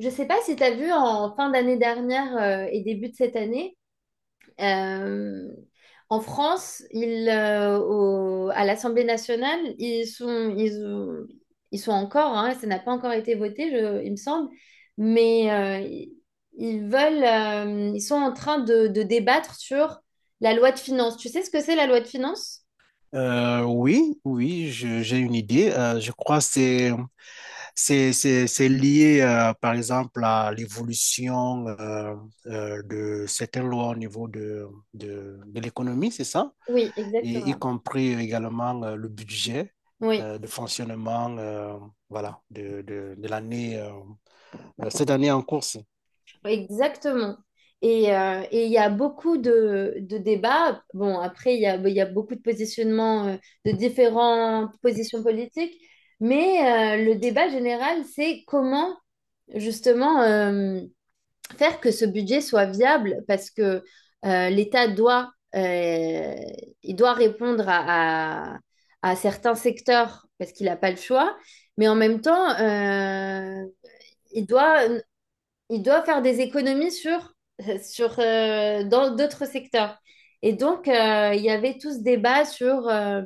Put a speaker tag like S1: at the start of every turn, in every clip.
S1: Je sais pas si tu as vu en fin d'année dernière et début de cette année, euh, en France, à l'Assemblée nationale, ils sont encore, hein, ça n'a pas encore été voté, il me semble, mais ils veulent, ils sont en train de débattre sur la loi de finances. Tu sais ce que c'est la loi de finances?
S2: Oui, oui, j'ai une idée. Je crois que c'est lié, par exemple, à l'évolution de certaines lois au niveau de l'économie, c'est ça?
S1: Oui,
S2: Et y
S1: exactement.
S2: compris également le budget
S1: Oui.
S2: de fonctionnement, voilà, de l'année cette année en cours.
S1: Exactement. Et il y a beaucoup de débats. Bon, après, il y a beaucoup de positionnements, de différentes positions politiques, mais le débat général, c'est comment justement faire que ce budget soit viable, parce que l'État il doit répondre à certains secteurs, parce qu'il n'a pas le choix, mais en même temps, il doit il doit faire des économies sur, sur dans d'autres secteurs. Et donc, il y avait tout ce débat sur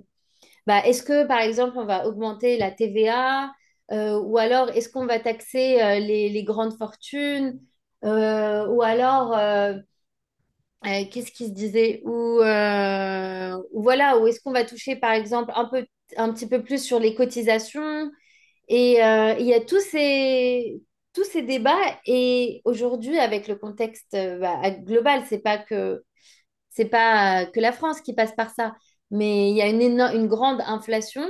S1: bah, est-ce que, par exemple, on va augmenter la TVA ou alors est-ce qu'on va taxer les grandes fortunes ou alors, qu'est-ce qui se disait ou voilà, ou est-ce qu'on va toucher, par exemple, un petit peu plus sur les cotisations et il y a tous ces débats. Et aujourd'hui, avec le contexte bah, global, c'est pas que la France qui passe par ça, mais il y a une grande inflation.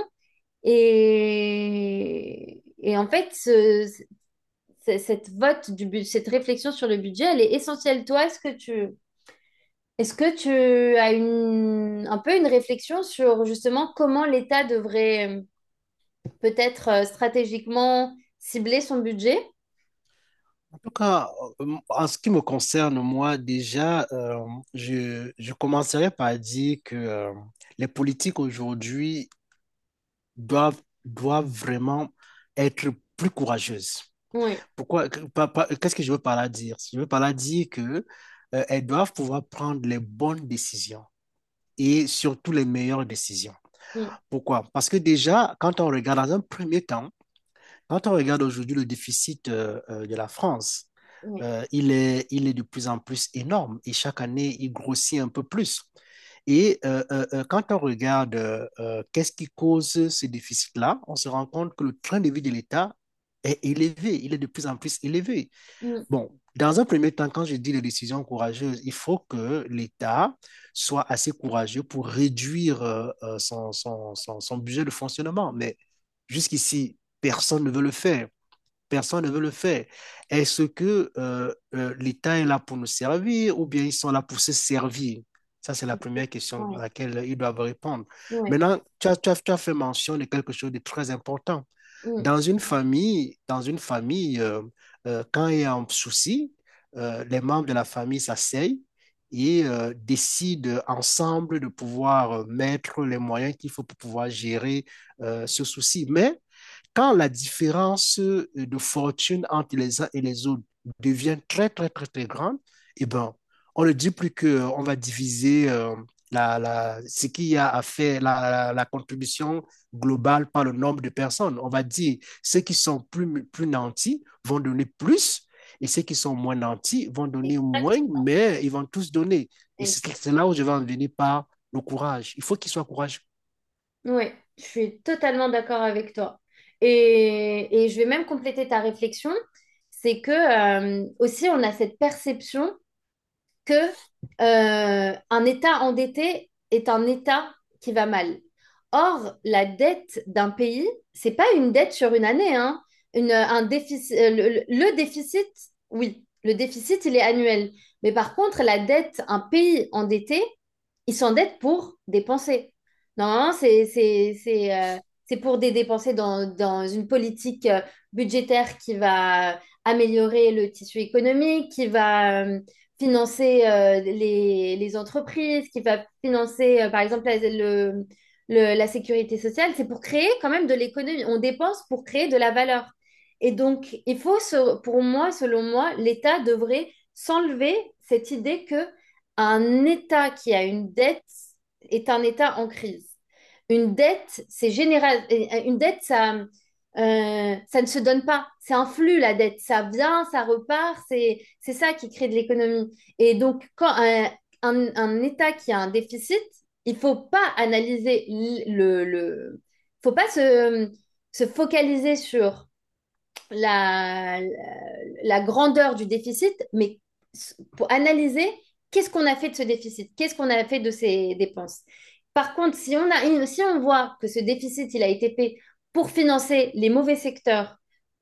S1: Et en fait, ce- cette vote du bu- cette réflexion sur le budget, elle est essentielle. Toi, est-ce que tu as un peu une réflexion sur justement comment l'État devrait peut-être stratégiquement cibler son budget?
S2: Tout cas, en ce qui me concerne, moi, déjà, je commencerai par dire que les politiques aujourd'hui doivent vraiment être plus courageuses.
S1: Ouais.
S2: Pourquoi, qu'est-ce que je veux par là dire? Je veux par là dire que, elles doivent pouvoir prendre les bonnes décisions et surtout les meilleures décisions.
S1: Mm.
S2: Pourquoi? Parce que déjà, quand on regarde dans un premier temps, quand on regarde aujourd'hui le déficit de la France,
S1: Ouais.
S2: il est de plus en plus énorme et chaque année, il grossit un peu plus. Et quand on regarde qu'est-ce qui cause ce déficit-là, on se rend compte que le train de vie de l'État est élevé, il est de plus en plus élevé.
S1: Mm.
S2: Bon, dans un premier temps, quand je dis les décisions courageuses, il faut que l'État soit assez courageux pour réduire son budget de fonctionnement. Mais jusqu'ici, personne ne veut le faire. Personne ne veut le faire. Est-ce que l'État est là pour nous servir ou bien ils sont là pour se servir? Ça, c'est la première question à
S1: Ouais,
S2: laquelle ils doivent répondre.
S1: ouais.
S2: Maintenant, tu as fait mention de quelque chose de très important.
S1: Mm.
S2: Dans une famille quand il y a un souci, les membres de la famille s'asseyent et décident ensemble de pouvoir mettre les moyens qu'il faut pour pouvoir gérer ce souci. Mais quand la différence de fortune entre les uns et les autres devient très, très, très, très grande, eh ben, on ne dit plus qu'on va diviser ce qu'il y a à faire, la contribution globale par le nombre de personnes. On va dire ceux qui sont plus, plus nantis vont donner plus et ceux qui sont moins nantis vont donner moins,
S1: Exact.
S2: mais ils vont tous donner. Et
S1: Et-
S2: c'est là où je vais en venir par le courage. Il faut qu'il soit courage.
S1: Ouais, je suis totalement d'accord avec toi. Et je vais même compléter ta réflexion, c'est que aussi on a cette perception que un État endetté est un État qui va mal. Or, la dette d'un pays, c'est pas une dette sur une année, hein. Un déficit, déficit, oui, le déficit, il est annuel. Mais par contre, la dette, un pays endetté, il s'endette pour dépenser. Normalement, c'est pour des dépenses dans une politique budgétaire qui va améliorer le tissu économique, qui va financer les entreprises, qui va financer, par exemple, la sécurité sociale, c'est pour créer quand même de l'économie. On dépense pour créer de la valeur. Et donc, pour moi, selon moi, l'État devrait s'enlever cette idée que un État qui a une dette est un État en crise. Une dette, c'est général. Une dette, ça ne se donne pas. C'est un flux, la dette. Ça vient, ça repart. C'est ça qui crée de l'économie. Et donc, quand un État qui a un déficit, il ne faut pas analyser le, le, faut pas se focaliser sur la, la, la grandeur du déficit, mais pour analyser qu'est-ce qu'on a fait de ce déficit, qu'est-ce qu'on a fait de ces dépenses. Par contre, si on voit que ce déficit, il a été fait pour financer les mauvais secteurs,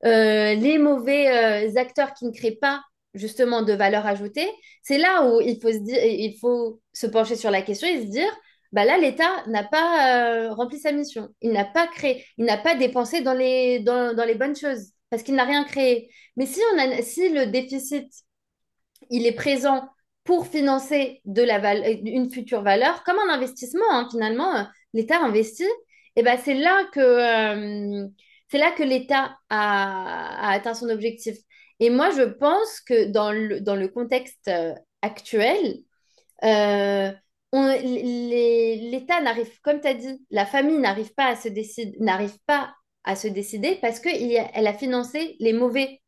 S1: les mauvais acteurs qui ne créent pas justement de valeur ajoutée, c'est là où il faut se pencher sur la question et se dire, bah là, l'État n'a pas rempli sa mission. Il n'a pas créé, il n'a pas dépensé dans les bonnes choses parce qu'il n'a rien créé. Mais si, on a, si le déficit, il est présent pour financer une future valeur, comme un investissement, hein, finalement, l'État investit, et ben euh, c'est là que l'État a atteint son objectif. Et moi, je pense que dans le contexte actuel, euh, l'État n'arrive, comme tu as dit, la famille n'arrive pas à se décider, parce qu'elle a financé les mauvais,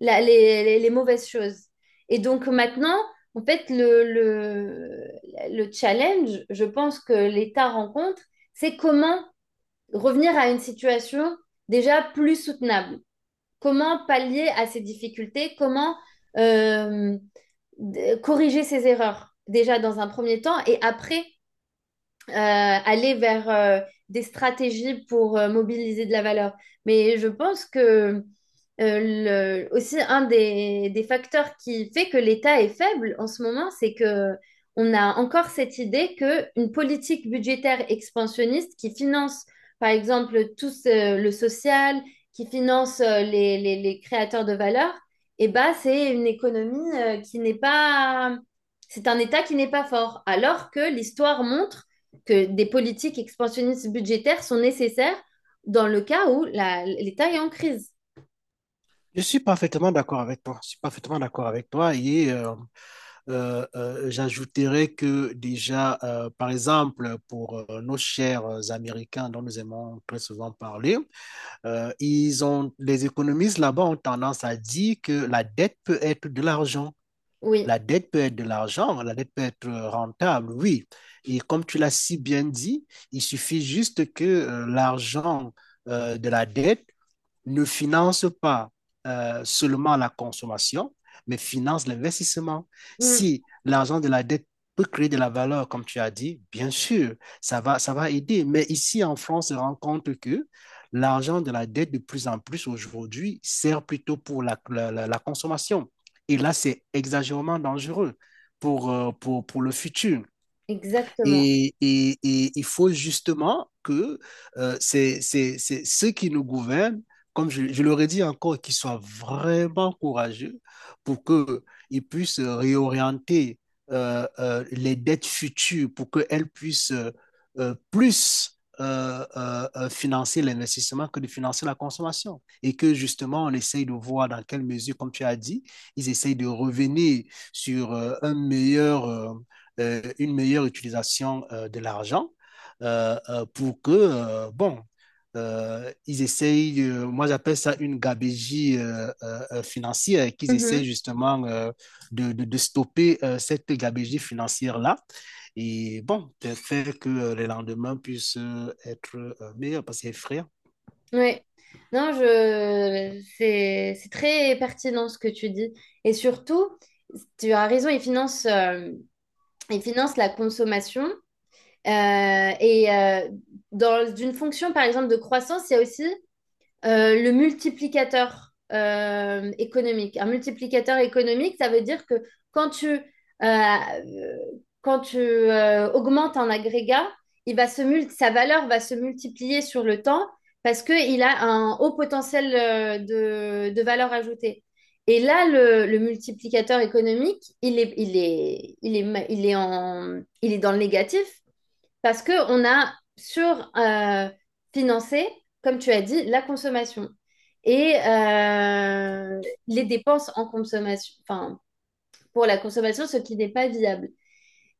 S1: les mauvaises choses. Et donc maintenant, en fait, le challenge, je pense que l'État rencontre, c'est comment revenir à une situation déjà plus soutenable. Comment pallier à ces difficultés? Comment euh, corriger ces erreurs déjà dans un premier temps et après aller vers des stratégies pour mobiliser de la valeur. Mais je pense que aussi un des facteurs qui fait que l'État est faible en ce moment, c'est que on a encore cette idée que une politique budgétaire expansionniste qui finance, par exemple, le social, qui finance les créateurs de valeur, eh ben, c'est une économie qui n'est pas, c'est un État qui n'est pas fort. Alors que l'histoire montre que des politiques expansionnistes budgétaires sont nécessaires dans le cas où l'État est en crise.
S2: Je suis parfaitement d'accord avec toi. Je suis parfaitement d'accord avec toi. Et j'ajouterais que déjà, par exemple, pour nos chers Américains dont nous aimons très souvent parler, les économistes là-bas ont tendance à dire que la dette peut être de l'argent.
S1: Oui.
S2: La dette peut être de l'argent, la dette peut être rentable, oui. Et comme tu l'as si bien dit, il suffit juste que l'argent de la dette ne finance pas seulement la consommation, mais finance l'investissement.
S1: Mm.
S2: Si l'argent de la dette peut créer de la valeur, comme tu as dit, bien sûr, ça va aider. Mais ici, en France, on se rend compte que l'argent de la dette, de plus en plus aujourd'hui, sert plutôt pour la consommation. Et là, c'est exagérément dangereux pour, pour le futur.
S1: Exactement.
S2: Et il faut justement que c'est ceux qui nous gouvernent, comme je leur ai dit encore, qu'ils soient vraiment courageux pour qu'ils puissent réorienter les dettes futures, pour qu'elles puissent plus financer l'investissement que de financer la consommation. Et que justement, on essaye de voir dans quelle mesure, comme tu as dit, ils essayent de revenir sur un meilleur une meilleure utilisation de l'argent pour que, bon, ils essayent, moi j'appelle ça une gabégie financière, qu'ils
S1: Mhm.
S2: essayent justement stopper cette gabégie financière-là et bon, faire que les lendemains puissent être meilleurs parce que frère,
S1: Oui. Non, c'est très pertinent ce que tu dis. Et surtout, tu as raison, ils financent la consommation. Euh, et euh, Dans une fonction, par exemple, de croissance, il y a aussi le multiplicateur économique. Un multiplicateur économique, ça veut dire que quand tu, euh, euh, quand tu augmentes un agrégat, il va sa valeur va se multiplier sur le temps parce qu'il a un haut potentiel de valeur ajoutée. Et là, le multiplicateur économique, il est, il est, il est, ma- il est en, il est dans le négatif parce qu'on a sur-financé, comme tu as dit, la consommation. Et les dépenses en consommation, enfin, pour la consommation, ce qui n'est pas viable.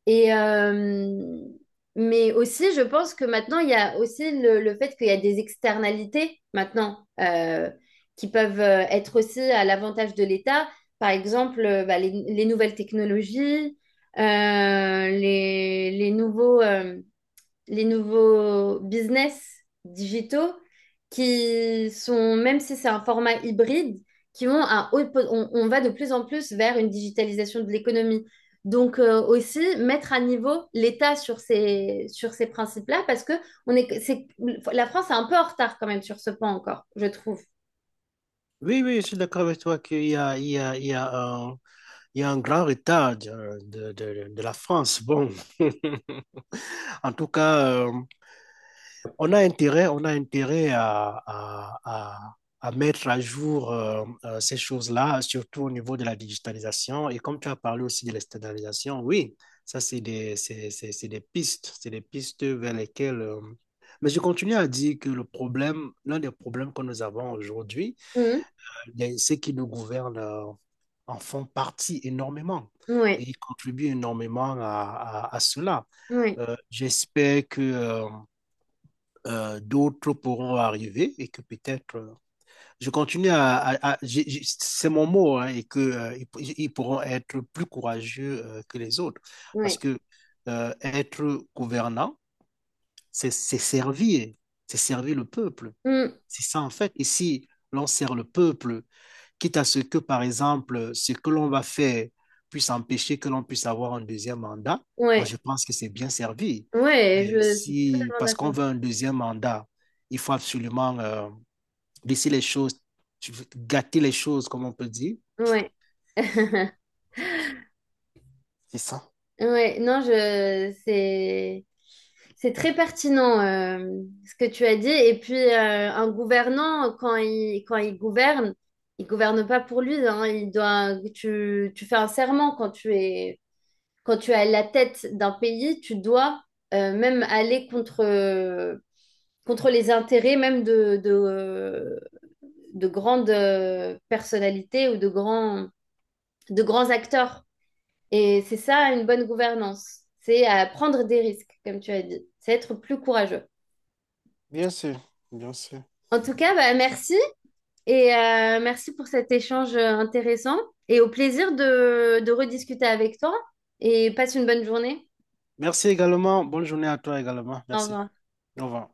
S1: Et, euh, mais aussi, je pense que maintenant, il y a aussi le fait qu'il y a des externalités maintenant qui peuvent être aussi à l'avantage de l'État. Par exemple, bah, les nouvelles technologies, euh, les, les nouveaux, euh, les nouveaux business digitaux qui sont, même si c'est un format hybride, qui ont un haut, on va de plus en plus vers une digitalisation de l'économie. Donc aussi mettre à niveau l'État sur sur ces principes-là, parce que on est, c'est, la France est un peu en retard quand même sur ce point encore, je trouve.
S2: oui, oui, je suis d'accord avec toi qu'il y a, il y a un grand retard de la France. Bon, en tout cas, on a intérêt à mettre à jour ces choses-là, surtout au niveau de la digitalisation. Et comme tu as parlé aussi de l'externalisation, oui, ça, c'est des pistes vers lesquelles mais je continue à dire que le problème, l'un des problèmes que nous avons aujourd'hui,
S1: Oui,
S2: ceux qui nous gouvernent en font partie énormément et
S1: oui,
S2: ils contribuent énormément à cela.
S1: oui,
S2: J'espère que d'autres pourront arriver et que peut-être je continue à c'est mon mot hein, et que ils pourront être plus courageux que les autres parce que être gouvernant c'est servir, c'est servir le peuple,
S1: oui,
S2: c'est ça en fait. Et si l'on sert le peuple, quitte à ce que, par exemple, ce que l'on va faire puisse empêcher que l'on puisse avoir un deuxième mandat, moi,
S1: oui,
S2: je pense que c'est bien servi.
S1: oui,
S2: Mais
S1: je suis
S2: si,
S1: totalement
S2: parce qu'on
S1: d'accord.
S2: veut un deuxième mandat, il faut absolument laisser les choses, gâter les choses, comme on peut dire.
S1: Oui.
S2: C'est ça.
S1: Ouais, non, je c'est très pertinent ce que tu as dit. Et puis un gouvernant, quand il gouverne, il gouverne pas pour lui, hein. Tu fais un serment quand tu es à la tête d'un pays, tu dois même aller contre les intérêts même de grandes personnalités ou de grands acteurs. Et c'est ça une bonne gouvernance, c'est à prendre des risques, comme tu as dit, c'est être plus courageux.
S2: Bien sûr, bien sûr.
S1: En tout cas, bah, merci et merci pour cet échange intéressant et au plaisir de rediscuter avec toi et passe une bonne journée.
S2: Merci également. Bonne journée à toi également.
S1: Au
S2: Merci.
S1: revoir.
S2: Au revoir.